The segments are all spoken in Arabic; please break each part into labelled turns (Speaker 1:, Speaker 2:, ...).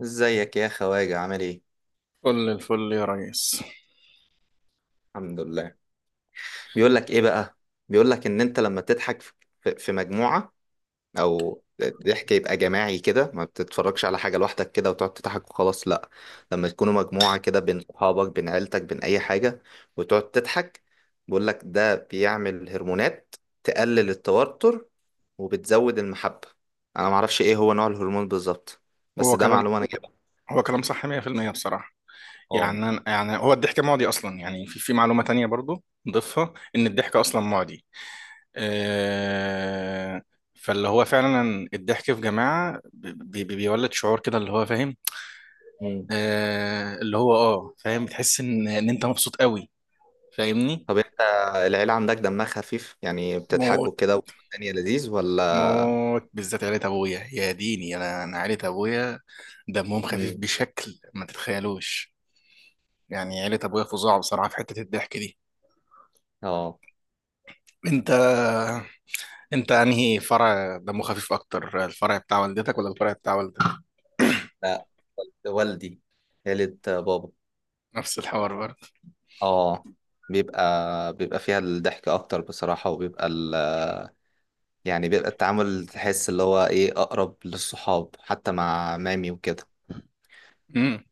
Speaker 1: ازيك يا خواجة عامل ايه؟
Speaker 2: كل الفل يا ريس.
Speaker 1: الحمد لله. بيقول لك ايه بقى؟ بيقول لك ان انت لما تضحك في مجموعة او ضحك يبقى جماعي كده، ما بتتفرجش على حاجة لوحدك كده وتقعد تضحك وخلاص، لا. لما تكونوا مجموعة كده بين صحابك بين عيلتك بين اي حاجة وتقعد تضحك، بيقول لك ده بيعمل هرمونات تقلل التوتر وبتزود المحبة. انا معرفش ايه هو نوع الهرمون بالظبط، بس
Speaker 2: هو
Speaker 1: ده
Speaker 2: كلام
Speaker 1: معلومة انا جايبها.
Speaker 2: هو كلام صح 100% بصراحة. يعني أنا، يعني هو الضحك معدي أصلا. يعني في معلومة تانية برضو نضيفها، إن الضحك أصلا معدي. آه فاللي هو فعلا الضحك في جماعة بي بي بيولد شعور كده اللي هو فاهم.
Speaker 1: اه.
Speaker 2: آه اللي هو فاهم، بتحس إن أنت مبسوط قوي، فاهمني؟
Speaker 1: طب انت العيلة عندك دمها خفيف؟ يعني
Speaker 2: موت
Speaker 1: بتضحكوا كده والدنيا لذيذ ولا؟
Speaker 2: موت، بالذات عيلة أبويا. يا ديني، أنا عيلة أبويا دمهم خفيف
Speaker 1: مم.
Speaker 2: بشكل ما تتخيلوش. يعني عيلة أبويا فظاع بصراحة في حتة الضحك دي.
Speaker 1: اه.
Speaker 2: أنت أنت أنهي فرع دمه خفيف أكتر، الفرع بتاع والدتك ولا الفرع بتاع والدك؟
Speaker 1: لا، والدي، عيلة بابا.
Speaker 2: نفس الحوار برضه.
Speaker 1: اه. بيبقى فيها الضحك اكتر بصراحة، وبيبقى يعني بيبقى التعامل، تحس اللي هو ايه، اقرب للصحاب، حتى مع مامي وكده.
Speaker 2: امم.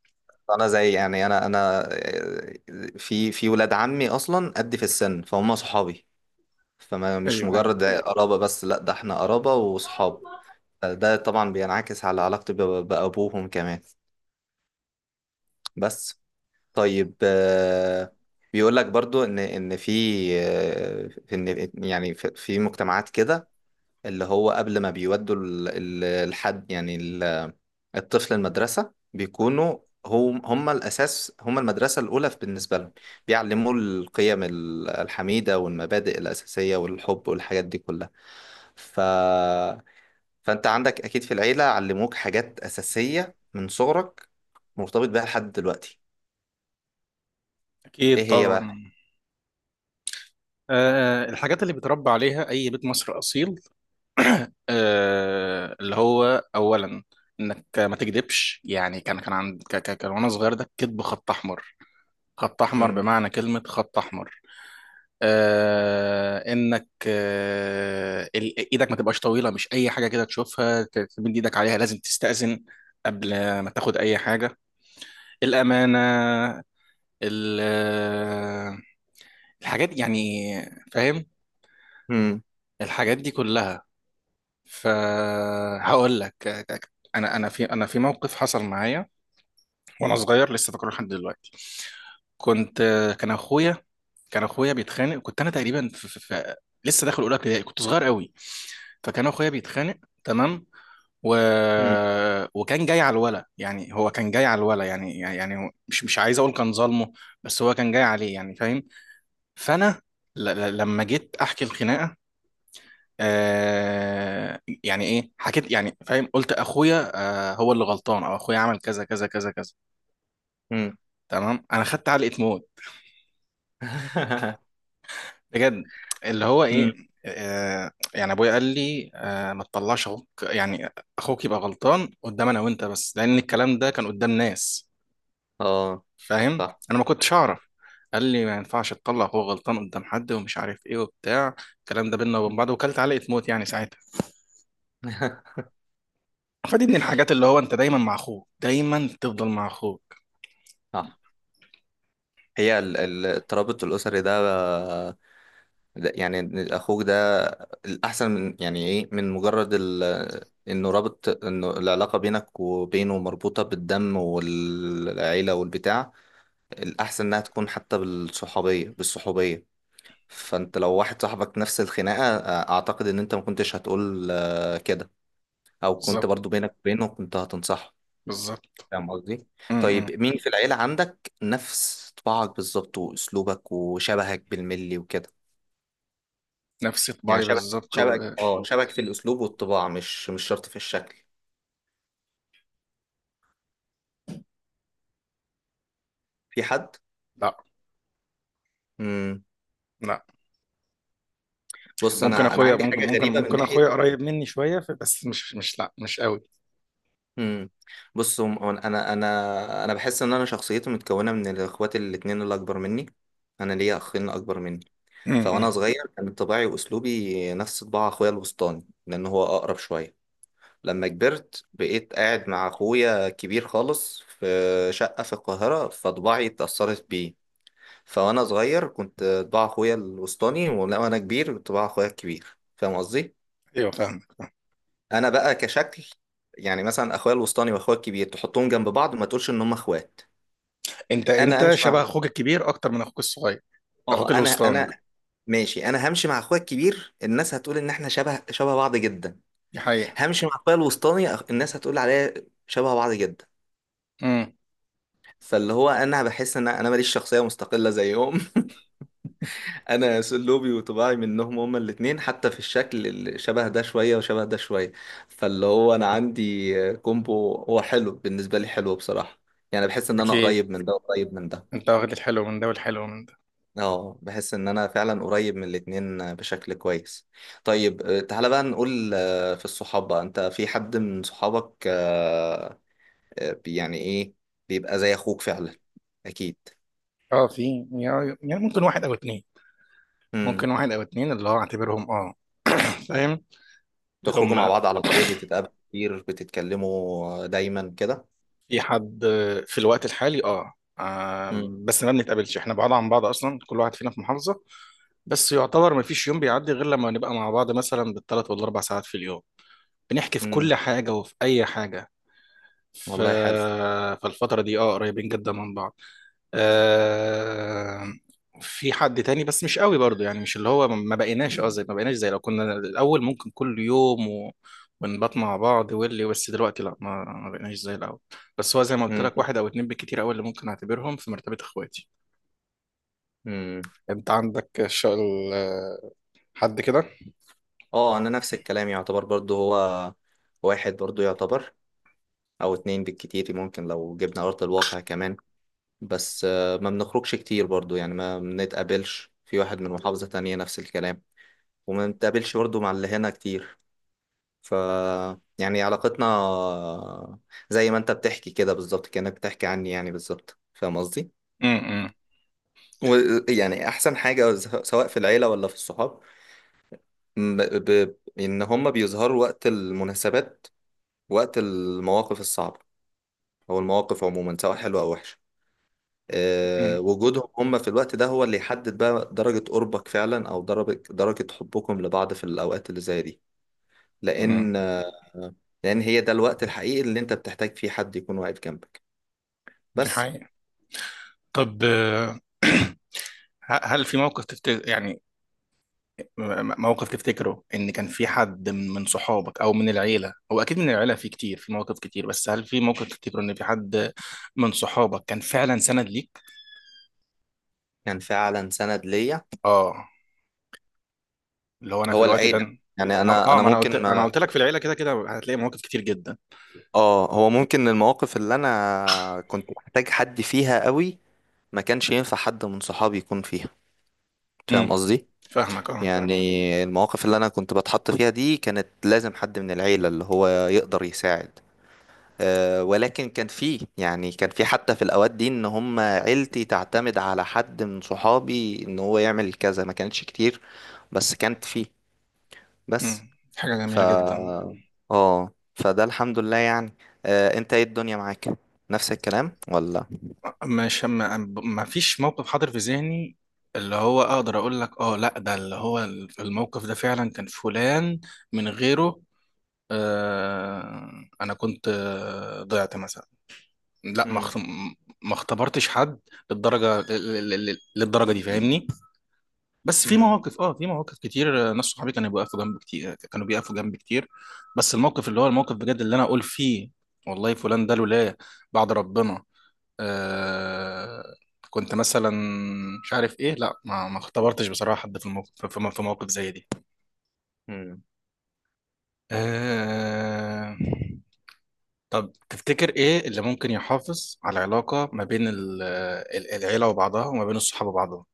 Speaker 1: انا زي يعني انا في ولاد عمي اصلا قد في السن فهم صحابي. فما، مش
Speaker 2: أيوه
Speaker 1: مجرد
Speaker 2: أيوه.
Speaker 1: قرابة بس، لا، ده احنا قرابة وصحاب. ده طبعا بينعكس على علاقتي بأبوهم كمان. بس. طيب آه،، بيقول لك برضو ان في آه،، في ان يعني في مجتمعات كده، اللي هو قبل ما بيودوا الحد، يعني الطفل المدرسة، بيكونوا هم الأساس، هم المدرسة الأولى بالنسبة لهم، بيعلموا القيم الحميدة والمبادئ الأساسية والحب والحاجات دي كلها. ف فانت عندك اكيد في العيلة علموك حاجات اساسية من صغرك، مرتبط بيها لحد دلوقتي. ايه
Speaker 2: أكيد
Speaker 1: هي بقى؟
Speaker 2: طبعا. أه، الحاجات اللي بتربى عليها أي بيت مصر أصيل، أه اللي هو أولا إنك ما تكذبش. يعني كان كان عند ك- ك- كان وأنا صغير، ده الكذب خط أحمر، خط أحمر
Speaker 1: مم.
Speaker 2: بمعنى كلمة خط أحمر. آه، انك آه ايدك ما تبقاش طويله، مش اي حاجه كده تشوفها تمد ايدك عليها، لازم تستأذن قبل ما تاخد اي حاجه، الامانه ال- آه، الحاجات دي يعني، فاهم؟
Speaker 1: مم.
Speaker 2: الحاجات دي كلها. فهقول لك، انا في موقف حصل معايا وانا صغير لسه فاكره لحد دلوقتي. كنت آه، كان اخويا بيتخانق. كنت انا تقريبا في في في لسه داخل اولى ابتدائي، كنت صغير قوي. فكان اخويا بيتخانق، تمام، و...
Speaker 1: مم.
Speaker 2: وكان جاي على الولا يعني هو كان جاي على الولا، يعني مش عايز اقول كان ظالمه، بس هو كان جاي عليه يعني، فاهم؟ فانا لما جيت احكي الخناقه، آه يعني ايه حكيت يعني، فاهم، قلت اخويا آه هو اللي غلطان، او اخويا عمل كذا كذا كذا كذا،
Speaker 1: مم.
Speaker 2: تمام. انا خدت علقه موت، بجد. اللي هو
Speaker 1: مم.
Speaker 2: ايه، آه يعني ابويا قال لي آه ما تطلعش اخوك يعني. اخوك يبقى غلطان قدام انا وانت بس، لان الكلام ده كان قدام ناس،
Speaker 1: اه.
Speaker 2: فاهم؟
Speaker 1: صح.
Speaker 2: انا ما كنتش اعرف. قال لي ما ينفعش تطلع هو غلطان قدام حد ومش عارف ايه وبتاع الكلام ده بينا وبين
Speaker 1: مم.
Speaker 2: بعض. وكلت علقة موت يعني ساعتها. فدي من الحاجات، اللي هو انت دايما مع اخوك، دايما تفضل مع اخوك.
Speaker 1: صح. هي الترابط الاسري ده، يعني إن اخوك ده الاحسن، من يعني ايه، من مجرد انه رابط، انه العلاقه بينك وبينه مربوطه بالدم والعيله والبتاع، الاحسن انها تكون حتى بالصحوبيه. فانت لو واحد صاحبك نفس الخناقة، اعتقد ان انت ما كنتش هتقول كده، او كنت
Speaker 2: بالظبط
Speaker 1: برضو بينك وبينه كنت هتنصحه،
Speaker 2: بالظبط.
Speaker 1: فاهم قصدي؟ طيب،
Speaker 2: امم.
Speaker 1: مين في العيلة عندك نفس طباعك بالظبط واسلوبك وشبهك بالملي وكده؟
Speaker 2: نفس
Speaker 1: يعني
Speaker 2: طباعي
Speaker 1: شبه،
Speaker 2: بالظبط
Speaker 1: شبهك
Speaker 2: و...
Speaker 1: اه شبهك في الاسلوب والطباع، مش شرط في الشكل. في حد؟
Speaker 2: لا،
Speaker 1: امم.
Speaker 2: لا،
Speaker 1: بص
Speaker 2: ممكن
Speaker 1: انا
Speaker 2: اخويا،
Speaker 1: عندي
Speaker 2: ممكن
Speaker 1: حاجة
Speaker 2: ممكن
Speaker 1: غريبة من
Speaker 2: ممكن
Speaker 1: ناحية.
Speaker 2: اخويا قريب مني شويه بس مش قوي.
Speaker 1: امم. بص، انا بحس ان انا شخصيتي متكونة من الاخوات الاتنين اللي اكبر مني. انا ليا اخين اكبر مني. فوانا
Speaker 2: امم.
Speaker 1: صغير كان طباعي واسلوبي نفس طباع اخويا الوسطاني لان هو اقرب شويه. لما كبرت بقيت قاعد مع اخويا كبير خالص في شقه في القاهره، فطباعي اتاثرت بيه. فوانا صغير كنت طباع اخويا الوسطاني، وانا كبير كنت طباع اخويا الكبير، فاهم قصدي؟
Speaker 2: ايوه فاهم.
Speaker 1: انا بقى كشكل، يعني مثلا اخويا الوسطاني واخويا الكبير تحطهم جنب بعض ما تقولش ان هم اخوات.
Speaker 2: انت
Speaker 1: انا
Speaker 2: انت
Speaker 1: امشي
Speaker 2: شبه
Speaker 1: مع،
Speaker 2: اخوك الكبير اكتر من اخوك الصغير. اخوك
Speaker 1: اه انا
Speaker 2: الوسطاني.
Speaker 1: انا ماشي، انا همشي مع اخويا الكبير الناس هتقول ان احنا شبه شبه بعض جدا،
Speaker 2: دي حقيقه.
Speaker 1: همشي مع الطيب الوسطاني الناس هتقول عليا شبه بعض جدا.
Speaker 2: امم.
Speaker 1: فاللي هو انا بحس ان انا ماليش شخصيه مستقله زيهم انا اسلوبي وطباعي منهم هما الاثنين، حتى في الشكل اللي شبه ده شويه وشبه ده شويه. فاللي هو انا عندي كومبو هو حلو بالنسبه لي، حلو بصراحه. يعني بحس ان انا
Speaker 2: اكيد.
Speaker 1: قريب من ده وقريب من ده.
Speaker 2: انت واخد الحلو من ده والحلو من ده.
Speaker 1: اه، بحس ان انا فعلا قريب من الاثنين بشكل كويس. طيب آه،، تعالى بقى نقول في الصحاب بقى، انت في حد من صحابك يعني ايه، بيبقى زي اخوك فعلا، اكيد؟
Speaker 2: اه في، يعني يعني ممكن واحد او اتنين.
Speaker 1: امم.
Speaker 2: ممكن واحد او اتنين اللي هو اعتبرهم، اه فاهم، اللي
Speaker 1: تخرجوا مع
Speaker 2: هم.
Speaker 1: بعض على طول، بتتقابلوا كتير، بتتكلموا دايما كده؟
Speaker 2: في حد في الوقت الحالي، اه آه،
Speaker 1: امم.
Speaker 2: بس ما بنتقابلش، احنا بعاد عن بعض اصلا، كل واحد فينا في محافظة. بس يعتبر ما فيش يوم بيعدي غير لما نبقى مع بعض مثلا بالثلاث والاربع ساعات في اليوم، بنحكي في كل
Speaker 1: امم.
Speaker 2: حاجة وفي اي حاجة. ف...
Speaker 1: والله حلو.
Speaker 2: فالفترة دي اه قريبين جدا من بعض. آه... في حد تاني بس مش قوي برضو، يعني مش اللي هو ما بقيناش، زي لو كنا الأول ممكن كل يوم و... ونبات مع بعض واللي. بس دلوقتي لا، ما بقيناش زي الأول. بس هو زي ما قلت
Speaker 1: امم.
Speaker 2: لك، واحد أو اتنين بالكتير أوي اللي ممكن أعتبرهم في مرتبة إخواتي.
Speaker 1: امم.
Speaker 2: أنت عندك حد كده؟
Speaker 1: اه، انا نفس الكلام يعتبر برضو، هو واحد برضو يعتبر، او اتنين بالكتير ممكن لو جبنا ارض الواقع كمان. بس ما بنخرجش كتير برضو، يعني ما بنتقابلش، في واحد من محافظة تانية نفس الكلام، وما بنتقابلش برضو مع اللي هنا كتير. ف يعني علاقتنا، زي ما انت بتحكي كده بالظبط، كأنك بتحكي عني يعني بالظبط، فاهم قصدي؟
Speaker 2: امم.
Speaker 1: ويعني احسن حاجة سواء في العيلة ولا في الصحاب، ان هم بيظهروا وقت المناسبات، وقت المواقف الصعبة، او المواقف عموما سواء حلوة او وحشة.
Speaker 2: امم.
Speaker 1: أه، وجودهم هم في الوقت ده هو اللي يحدد بقى درجة قربك فعلا، او درجة حبكم لبعض في الاوقات اللي زي دي.
Speaker 2: امم.
Speaker 1: لان، لان هي ده الوقت الحقيقي اللي انت بتحتاج فيه حد يكون واقف جنبك.
Speaker 2: دي
Speaker 1: بس.
Speaker 2: حقيقة. طب هل في موقف تفتكر يعني، موقف تفتكره ان كان في حد من صحابك او من العيله، هو اكيد من العيله في كتير، في مواقف كتير، بس هل في موقف تفتكره ان في حد من صحابك كان فعلا سند ليك؟
Speaker 1: كان فعلا سند ليا.
Speaker 2: اه، اللي هو انا في
Speaker 1: هو
Speaker 2: الوقت ده،
Speaker 1: العيلة. يعني
Speaker 2: اه
Speaker 1: انا
Speaker 2: آه،
Speaker 1: انا
Speaker 2: ما انا قلت
Speaker 1: ممكن
Speaker 2: انا
Speaker 1: ما
Speaker 2: قلت لك، في العيله كده كده هتلاقي مواقف كتير جدا.
Speaker 1: اه، هو ممكن المواقف اللي انا كنت محتاج حد فيها قوي، ما كانش ينفع حد من صحابي يكون فيها، فاهم
Speaker 2: امم.
Speaker 1: قصدي؟
Speaker 2: فاهمك اه.
Speaker 1: يعني المواقف اللي انا كنت بتحط فيها دي كانت لازم حد من العيلة اللي هو يقدر يساعد. أه، ولكن كان فيه، يعني كان في حتى في الاوقات دي ان هم عيلتي تعتمد على حد من صحابي ان هو يعمل كذا، ما كانتش كتير بس كانت فيه. بس.
Speaker 2: امم. حاجه
Speaker 1: ف
Speaker 2: جميله جدا.
Speaker 1: اه، فده الحمد لله يعني. آه، انت ايه الدنيا معاك، نفس الكلام ولا؟
Speaker 2: مش ما, ما فيش موقف حاضر في ذهني اللي هو اقدر اقول لك اه لا ده اللي هو في الموقف ده فعلا كان فلان، من غيره آه، انا كنت آه، ضعت مثلا. لا ما اخت-
Speaker 1: امم.
Speaker 2: ما اختبرتش حد للدرجه دي، فاهمني؟ بس في
Speaker 1: امم.
Speaker 2: مواقف، اه في مواقف كتير آه، ناس صحابي كانوا بيقفوا جنب كتير، كانوا بيقفوا جنب كتير. بس الموقف اللي هو الموقف بجد اللي انا اقول فيه والله فلان ده لولا بعد ربنا، آه، كنت مثلا مش عارف ايه. لا، ما اختبرتش بصراحه حد في الموقف، في في موقف زي دي.
Speaker 1: امم.
Speaker 2: آه. طب تفتكر ايه اللي ممكن يحافظ على العلاقة ما بين العيلة وبعضها، وما بين الصحاب وبعضهم؟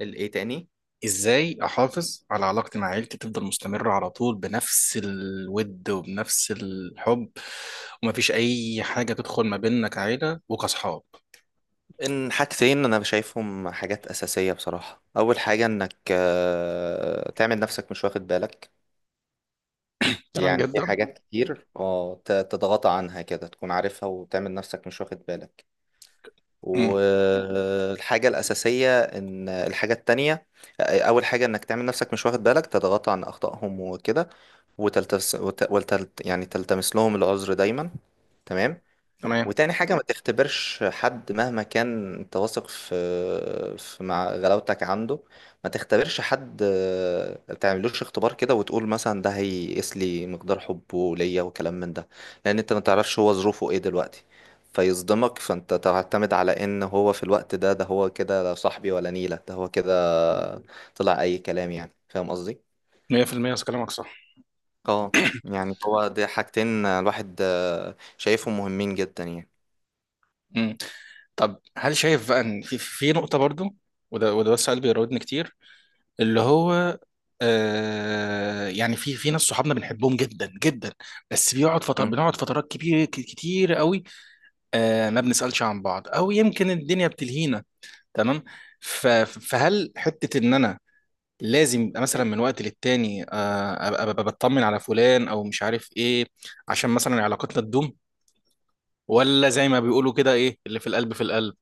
Speaker 1: الايه تاني؟
Speaker 2: ازاي احافظ على علاقتي مع عيلتي تفضل مستمرة على طول بنفس الود وبنفس الحب، ومفيش اي حاجة تدخل ما بيننا كعيلة وكصحاب؟
Speaker 1: ان حاجتين انا شايفهم حاجات اساسيه بصراحه. اول حاجه انك تعمل نفسك مش واخد بالك.
Speaker 2: تمام
Speaker 1: يعني في
Speaker 2: جدا.
Speaker 1: حاجات كتير، اه، تضغط عنها كده، تكون عارفها وتعمل نفسك مش واخد بالك.
Speaker 2: امم.
Speaker 1: والحاجه الاساسيه، ان الحاجه التانية، اول حاجه انك تعمل نفسك مش واخد بالك، تضغط عن اخطائهم وكده، يعني تلتمس لهم العذر دايما. تمام.
Speaker 2: تمام.
Speaker 1: وتاني حاجة، ما تختبرش حد مهما كان انت واثق في مع غلاوتك عنده. ما تختبرش حد ما تعملوش اختبار كده وتقول مثلا ده هيقيس لي مقدار حبه ليا وكلام من ده. لأن انت ما تعرفش هو ظروفه ايه دلوقتي، فيصدمك، فانت تعتمد على ان هو في الوقت ده ده هو كده، لا صاحبي ولا نيلة، ده هو كده، طلع اي كلام، يعني فاهم قصدي؟
Speaker 2: 100% كلامك صح.
Speaker 1: اه. يعني هو ده حاجتين الواحد شايفهم مهمين جدا يعني.
Speaker 2: امم. طب هل شايف بقى ان في نقطة برضو، وده بس سؤال بيراودني كتير، اللي هو آه يعني في ناس صحابنا بنحبهم جدا جدا، بس بيقعد فتر
Speaker 1: مم.
Speaker 2: بنقعد فترات كبيره كتير قوي. آه ما بنسالش عن بعض، او يمكن الدنيا بتلهينا، تمام. ف- فهل حته ان انا لازم يبقى مثلا من وقت للتاني آه، أبقى بطمن على فلان او مش عارف ايه، عشان مثلا علاقتنا تدوم؟ ولا زي ما بيقولوا كده، ايه اللي في القلب في القلب؟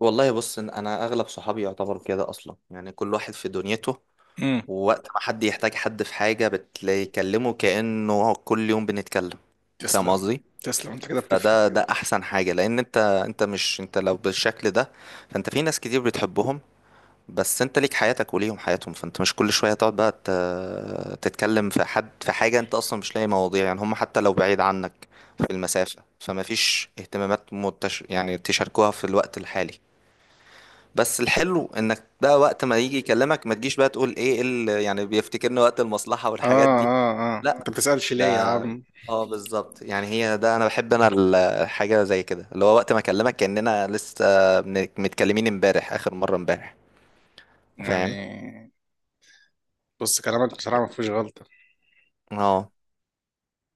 Speaker 1: والله، بص، إن انا اغلب صحابي يعتبر كده اصلا، يعني كل واحد في دنيته،
Speaker 2: امم.
Speaker 1: ووقت ما حد يحتاج حد في حاجة بتلاقي يكلمه كأنه هو كل يوم بنتكلم، فاهم
Speaker 2: تسلم.
Speaker 1: قصدي؟
Speaker 2: تسلم انت كده بتفهم.
Speaker 1: فده احسن حاجة، لان انت، انت مش انت لو بالشكل ده فانت في ناس كتير بتحبهم، بس انت ليك حياتك وليهم حياتهم، فانت مش كل شوية تقعد بقى تتكلم في حد في حاجة انت اصلا مش لاقي مواضيع، يعني هم حتى لو بعيد عنك في المسافة فما فيش اهتمامات يعني تشاركوها في الوقت الحالي. بس الحلو انك بقى وقت ما يجي يكلمك ما تجيش بقى تقول ايه يعني بيفتكرني وقت المصلحة
Speaker 2: اه،
Speaker 1: والحاجات دي.
Speaker 2: اه، اه،
Speaker 1: لا.
Speaker 2: انت بتسألش
Speaker 1: ده.
Speaker 2: ليه يا عم؟
Speaker 1: اه، بالظبط، يعني هي ده انا بحب انا الحاجة زي كده، اللي هو وقت ما اكلمك كأننا لسه متكلمين امبارح اخر مرة امبارح، فاهم؟
Speaker 2: يعني. بص كلامك بصراحة ما فيهوش غلطة.
Speaker 1: اه.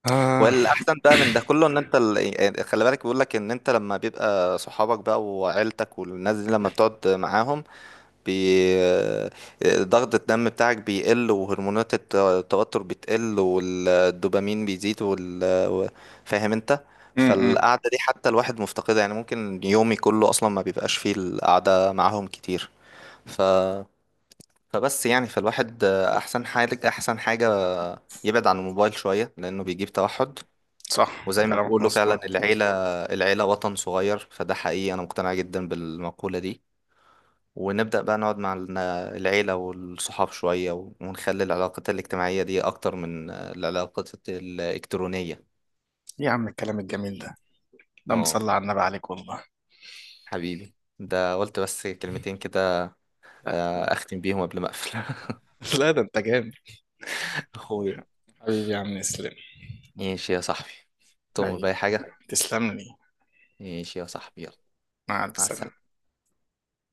Speaker 2: آه.
Speaker 1: والاحسن بقى من ده كله ان انت يعني، خلي بالك، بيقول لك ان انت لما بيبقى صحابك بقى وعيلتك والناس دي لما بتقعد معاهم بي... آه، ضغط الدم بتاعك بيقل، وهرمونات التوتر بتقل، والدوبامين بيزيد و- فاهم انت.
Speaker 2: امم.
Speaker 1: فالقعدة دي حتى الواحد مفتقدها، يعني ممكن يومي كله اصلا ما بيبقاش فيه القعدة معاهم كتير. ف... فبس يعني، فالواحد احسن حاجة، يبعد عن الموبايل شوية لانه بيجيب توحد.
Speaker 2: صح
Speaker 1: وزي ما
Speaker 2: كلامك
Speaker 1: بيقولوا فعلا،
Speaker 2: مظبوط.
Speaker 1: العيلة، العيلة وطن صغير، فده حقيقي، أنا مقتنع جدا بالمقولة دي. ونبدأ بقى نقعد مع العيلة والصحاب شوية، ونخلي العلاقات الاجتماعية دي أكتر من العلاقات الإلكترونية.
Speaker 2: إيه يا عم الكلام الجميل ده؟ اللهم
Speaker 1: اه،
Speaker 2: صل على النبي، عليك والله.
Speaker 1: حبيبي، ده قلت بس كلمتين كده
Speaker 2: لا.
Speaker 1: آه، أختم بيهم قبل ما أقفل.
Speaker 2: لا ده انت جامد.
Speaker 1: أخويا،
Speaker 2: حبيبي يا عم، اسلم.
Speaker 1: ماشي يا صاحبي، تؤمر بأي
Speaker 2: حبيبي،
Speaker 1: حاجة.
Speaker 2: تسلم لي.
Speaker 1: ماشي يا صاحبي، يلا.
Speaker 2: مع
Speaker 1: مع
Speaker 2: السلامة.
Speaker 1: السلامة.